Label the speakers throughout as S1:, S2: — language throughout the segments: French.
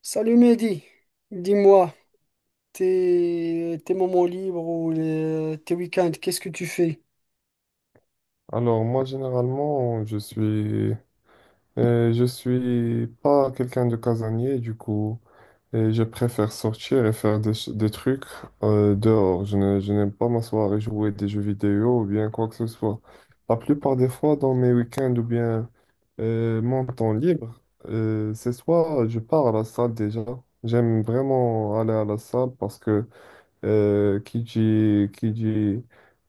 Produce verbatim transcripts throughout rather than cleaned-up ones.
S1: Salut Mehdi, dis-moi, tes, tes moments libres ou les- tes week-ends, qu'est-ce que tu fais?
S2: Alors moi généralement je suis euh, je suis pas quelqu'un de casanier du coup et je préfère sortir et faire des, ch- des trucs euh, dehors. Je ne- je n'aime pas m'asseoir et jouer des jeux vidéo ou bien quoi que ce soit. La plupart des fois dans mes week-ends ou bien euh, mon temps libre, euh, c'est soit je pars à la salle déjà. J'aime vraiment aller à la salle parce que euh, qui dit, qui dit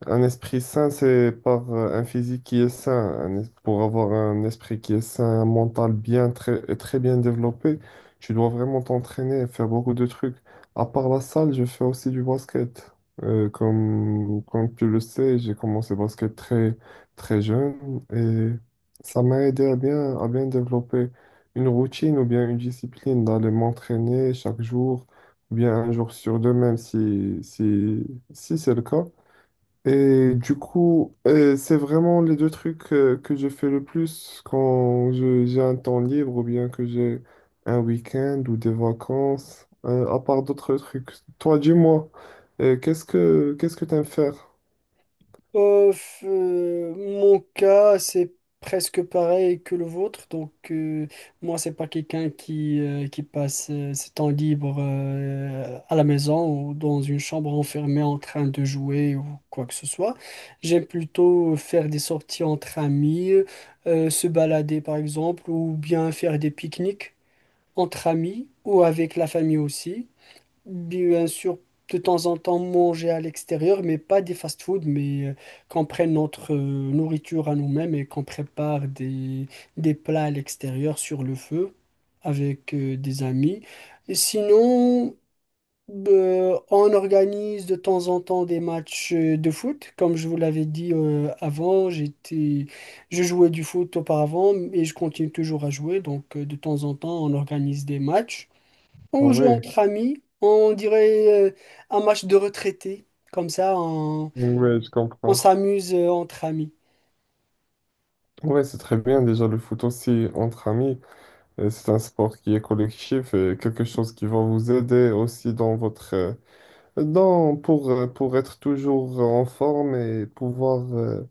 S2: un esprit sain, c'est par euh, un physique qui est sain. Un es- pour avoir un esprit qui est sain, un mental bien, très, très bien développé, tu dois vraiment t'entraîner et faire beaucoup de trucs. À part la salle, je fais aussi du basket. Euh, comme, comme tu le sais, j'ai commencé le basket très, très jeune et ça m'a aidé à bien, à bien développer une routine ou bien une discipline d'aller m'entraîner chaque jour ou bien un jour sur deux même si, si, si c'est le cas. Et du coup, euh, c'est vraiment les deux trucs euh, que je fais le plus quand je- j'ai un temps libre ou bien que j'ai un week-end ou des vacances, euh, à part d'autres trucs. Toi, dis-moi, euh, qu'est-ce que qu'est-ce que t'aimes faire?
S1: Euh, f- euh, mon cas, c'est presque pareil que le vôtre. Donc, euh, moi, c'est pas quelqu'un qui, euh, qui passe euh, ses temps libres euh, à la maison ou dans une chambre enfermée en train de jouer ou quoi que ce soit. J'aime plutôt faire des sorties entre amis, euh, se balader par exemple, ou bien faire des pique-niques, entre amis ou avec la famille aussi. Bien sûr, de temps en temps manger à l'extérieur, mais pas des fast-food, mais euh, qu'on prenne notre euh, nourriture à nous-mêmes et qu'on prépare des, des plats à l'extérieur sur le feu avec euh, des amis. Et sinon, euh, on organise de temps en temps des matchs euh, de foot. Comme je vous l'avais dit euh, avant, j'étais, je jouais du foot auparavant et je continue toujours à jouer, donc euh, de temps temps en temps, on organise des matchs,
S2: Ah
S1: on joue
S2: ouais,
S1: entre amis, on dirait euh, un match de retraités. Comme ça, on,
S2: ouais, je
S1: on
S2: comprends.
S1: s'amuse euh, entre amis.
S2: Ouais, c'est très bien déjà le foot aussi entre amis. Euh, C'est un sport qui est collectif, et quelque chose qui va vous aider aussi dans votre euh, non, pour, euh, pour être toujours en forme et pouvoir euh,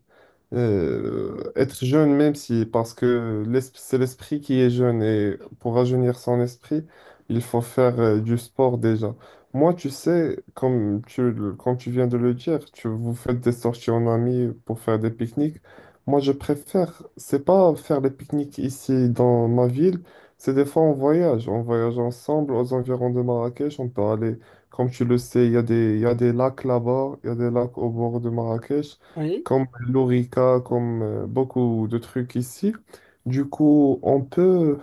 S2: euh, être jeune, même si, parce que l'es- c'est l'esprit qui est jeune et pour rajeunir son esprit, il faut faire euh, du sport déjà. Moi, tu sais, comme tu, le- comme tu viens de le dire, tu vous faites des sorties en amis pour faire des pique-niques. Moi, je préfère, c'est pas faire des pique-niques ici dans ma ville, c'est des fois on voyage. On voyage ensemble aux environs de Marrakech. On peut aller, comme tu le sais, il y a des, il y a des lacs là-bas, il y a des lacs au bord de Marrakech
S1: Oui,
S2: comme l'orica, comme euh, beaucoup de trucs ici. Du coup, on peut,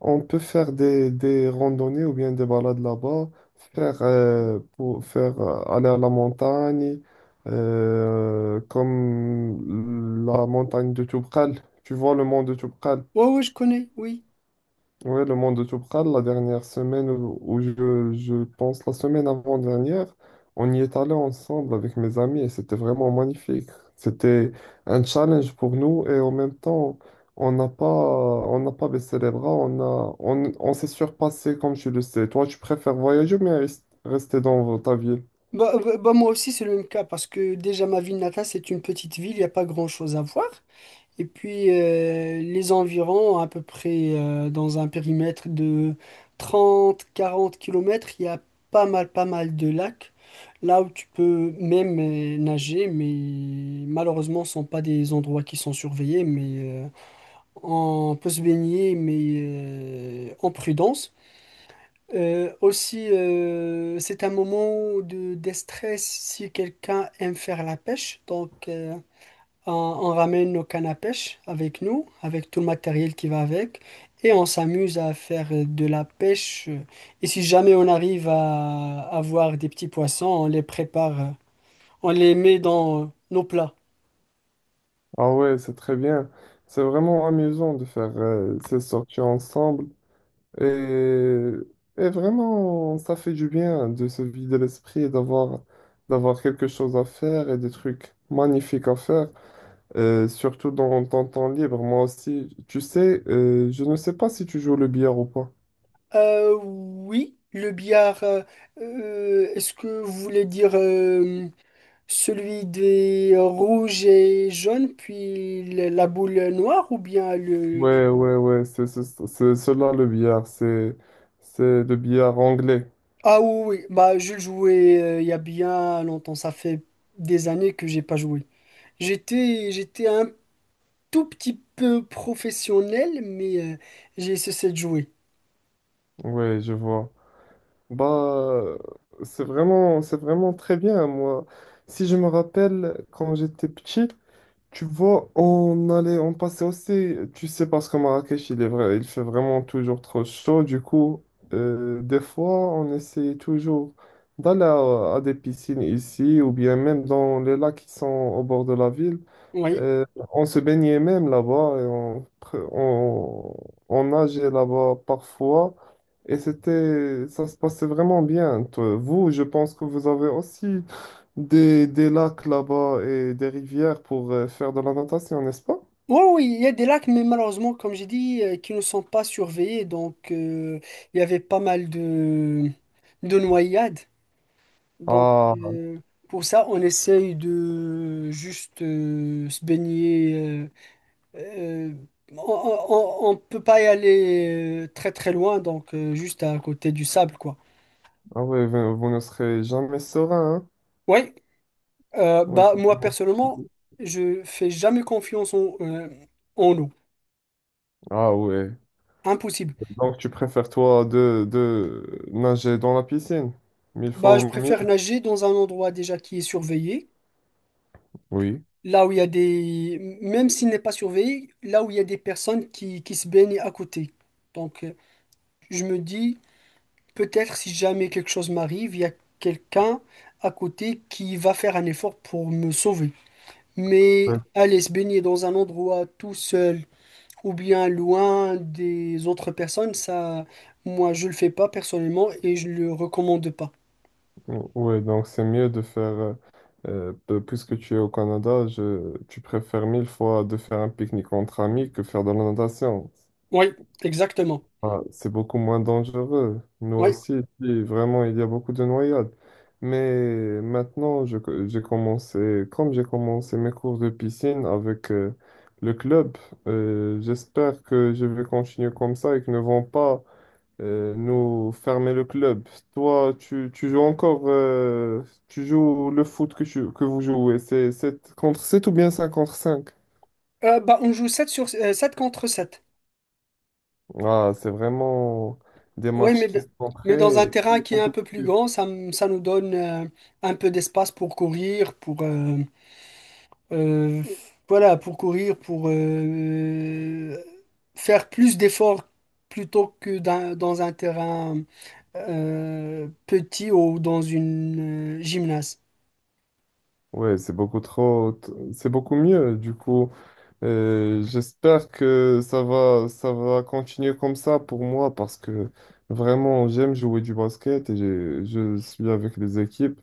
S2: on peut faire des, des randonnées ou bien des balades là-bas, faire, euh, pour faire euh, aller à la montagne, euh, comme la montagne de Toubkal. Tu vois le mont de Toubkal?
S1: ouais, ouais, je connais, oui.
S2: Ouais, le monde de Toubkal, la dernière semaine, où où je, je pense la semaine avant-dernière, on y est allé ensemble avec mes amis et c'était vraiment magnifique. C'était un challenge pour nous et en même temps, on n'a pas, on n'a pas baissé les bras, on a, on, on s'est surpassé comme tu le sais. Toi, tu préfères voyager ou bien rest- rester dans ta ville?
S1: Bah, bah- bah, moi aussi, c'est le même cas parce que déjà, ma ville natale, c'est une petite ville, il n'y a pas grand-chose à voir. Et puis euh, les environs, à peu près euh, dans un périmètre de trente, quarante kilomètres, il y a pas mal, pas mal de lacs, là où tu peux même euh, nager, mais malheureusement, ce ne sont pas des endroits qui sont surveillés, mais euh, on peut se baigner, mais euh, en prudence. Euh, aussi, euh, c'est un moment de déstress si quelqu'un aime faire la pêche, donc, euh, on, on ramène nos cannes à pêche avec nous, avec tout le matériel qui va avec, et on s'amuse à faire de la pêche. Et si jamais on arrive à avoir des petits poissons, on les prépare, euh, on les met dans euh, nos plats.
S2: Ah ouais, c'est très bien. C'est vraiment amusant de faire euh, ces sorties ensemble. Et, et vraiment, ça fait du bien de se vider l'esprit et d'avoir d'avoir quelque chose à faire et des trucs magnifiques à faire, euh, surtout dans ton temps libre. Moi aussi, tu sais, euh, je ne sais pas si tu joues le billard ou pas.
S1: Euh, oui, le billard, euh, euh, est-ce que vous voulez dire euh, celui des rouges et jaunes, puis le- la boule noire, ou bien le.
S2: Ouais, ouais, ouais, c'est c'est- c'est cela le billard, c'est c'est le billard anglais.
S1: Ah oui, oui. Bah, je jouais euh, il y a bien longtemps. Ça fait des années que j'ai pas joué. J'étais, j'étais un tout petit peu professionnel, mais euh, j'ai cessé de jouer.
S2: Ouais, je vois. Bah, c'est vraiment c'est vraiment très bien. Moi, si je me rappelle quand j'étais petit. Tu vois, on allait, on passait aussi, tu sais, parce que Marrakech, il est vrai, il fait vraiment toujours trop chaud. Du coup, euh, des fois, on essayait toujours d'aller à, à des piscines ici ou bien même dans les lacs qui sont au bord de la ville.
S1: Oui.
S2: Euh, on se baignait même là-bas et on, pre- on, on nageait là-bas parfois. Et c'était, ça se passait vraiment bien. Toi, vous, je pense que vous avez aussi des, des lacs là-bas et des rivières pour euh, faire de la natation, n'est-ce pas?
S1: Oui, oui, il y a des lacs, mais malheureusement, comme j'ai dit, euh, qui ne sont pas surveillés. Donc, euh, il y avait pas mal de, de noyades. Donc,
S2: Ah,
S1: euh, pour ça, on essaye de juste euh, se baigner. Euh, Euh, on ne peut pas y aller euh, très très loin, donc euh, juste à côté du sable, quoi.
S2: ah ouais, vous, vous ne serez jamais serein, hein?
S1: Oui, euh,
S2: Ouais,
S1: bah,
S2: c'est
S1: moi
S2: vraiment-
S1: personnellement, je fais jamais confiance en, euh, en eau.
S2: Ah ouais.
S1: Impossible.
S2: Donc tu préfères toi de, de nager dans la piscine? Mille
S1: Bah,
S2: fois
S1: je
S2: mieux.
S1: préfère nager dans un endroit déjà qui est surveillé,
S2: Oui.
S1: là où il y a des. Même s'il n'est pas surveillé, là où il y a des personnes qui, qui se baignent à côté. Donc, euh, je me dis, peut-être si jamais quelque chose m'arrive, il y a quelqu'un à côté qui va faire un effort pour me sauver. Mais
S2: Ouais,
S1: aller se baigner dans un endroit tout seul ou bien loin des autres personnes, ça, moi, je le fais pas personnellement et je le recommande pas.
S2: ouais, donc c'est mieux de faire, euh, euh, peu- puisque tu es au Canada, je, tu préfères mille fois de faire un pique-nique entre amis que faire de la natation.
S1: Oui, exactement.
S2: Ah, c'est beaucoup moins dangereux. Nous
S1: Oui.
S2: aussi, ici, vraiment, il y a beaucoup de noyades. Mais maintenant, je co- j'ai commencé, comme j'ai commencé mes cours de piscine avec euh, le club, euh, j'espère que je vais continuer comme ça et qu'ils ne vont pas euh, nous fermer le club. Toi, tu, tu joues encore, euh, tu joues le foot que, tu- que vous jouez, c'est sept contre sept ou bien cinq contre cinq?
S1: Euh, bah, on joue sept sur, euh, sept contre sept.
S2: Ah, c'est vraiment des
S1: Oui,
S2: matchs
S1: mais, d-
S2: qui sont
S1: mais dans un
S2: très,
S1: terrain
S2: très
S1: qui est un
S2: compliqués.
S1: peu plus grand, ça, m- ça nous donne euh, un peu d'espace pour courir, pour, euh, euh, voilà, pour courir, pour euh, faire plus d'efforts plutôt que dans, dans, un terrain euh, petit ou dans une euh, gymnase.
S2: Ouais, c'est beaucoup trop, t- c'est beaucoup mieux. Du coup, Euh, j'espère que ça va, ça va continuer comme ça pour moi parce que vraiment, j'aime jouer du basket et je, je suis avec les équipes.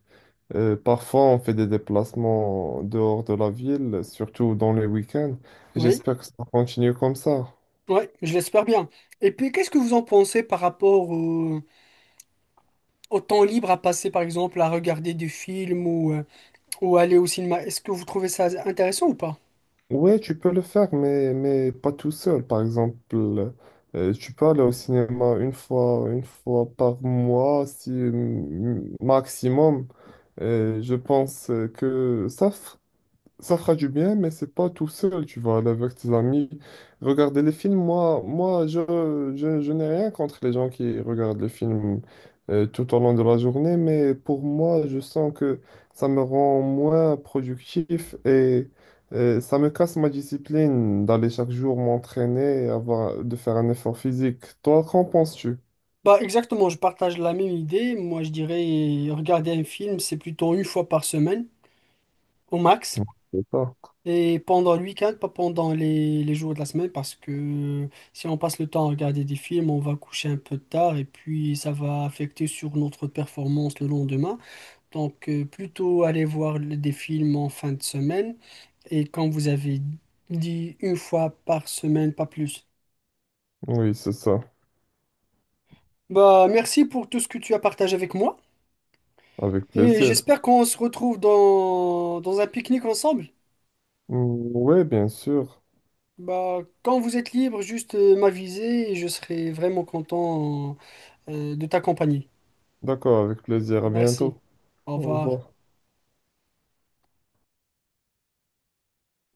S2: Euh, parfois, on fait des déplacements dehors de la ville, surtout dans les week-ends.
S1: Oui,
S2: J'espère que ça va continuer comme ça.
S1: ouais, je l'espère bien. Et puis, qu'est-ce que vous en pensez par rapport au, au temps libre à passer, par exemple, à regarder des films ou, euh, ou aller au cinéma? Est-ce que vous trouvez ça intéressant ou pas?
S2: Ouais, tu peux le faire, mais, mais pas tout seul. Par exemple, euh, tu peux aller au cinéma une fois, une fois par mois, si mm, maximum. Euh, je pense que ça, ça fera du bien, mais c'est pas tout seul, tu vas aller avec tes amis. Regarder les films, moi, moi je, je, je n'ai rien contre les gens qui regardent les films euh, tout au long de la journée, mais pour moi, je sens que ça me rend moins productif et euh, ça me casse ma discipline d'aller chaque jour m'entraîner, avoir, de faire un effort physique. Toi, qu'en penses-tu?
S1: Bah, exactement, je partage la même idée. Moi, je dirais, regarder un film, c'est plutôt une fois par semaine, au max.
S2: C'est ça.
S1: Et pendant le week-end, pas pendant les, les jours de la semaine, parce que si on passe le temps à regarder des films, on va coucher un peu tard et puis ça va affecter sur notre performance le lendemain. Donc euh, plutôt aller voir le- des films en fin de semaine, et quand vous avez dit une fois par semaine, pas plus.
S2: Oui, c'est ça,
S1: Bah merci pour tout ce que tu as partagé avec moi
S2: avec
S1: et
S2: plaisir.
S1: j'espère qu'on se retrouve dans, dans un pique-nique ensemble.
S2: Mm. Oui, bien sûr.
S1: Bah quand vous êtes libre, juste euh, m'aviser et je serai vraiment content. euh, de t'accompagner.
S2: D'accord, avec plaisir. À bientôt.
S1: Merci. Au
S2: Au
S1: revoir.
S2: revoir.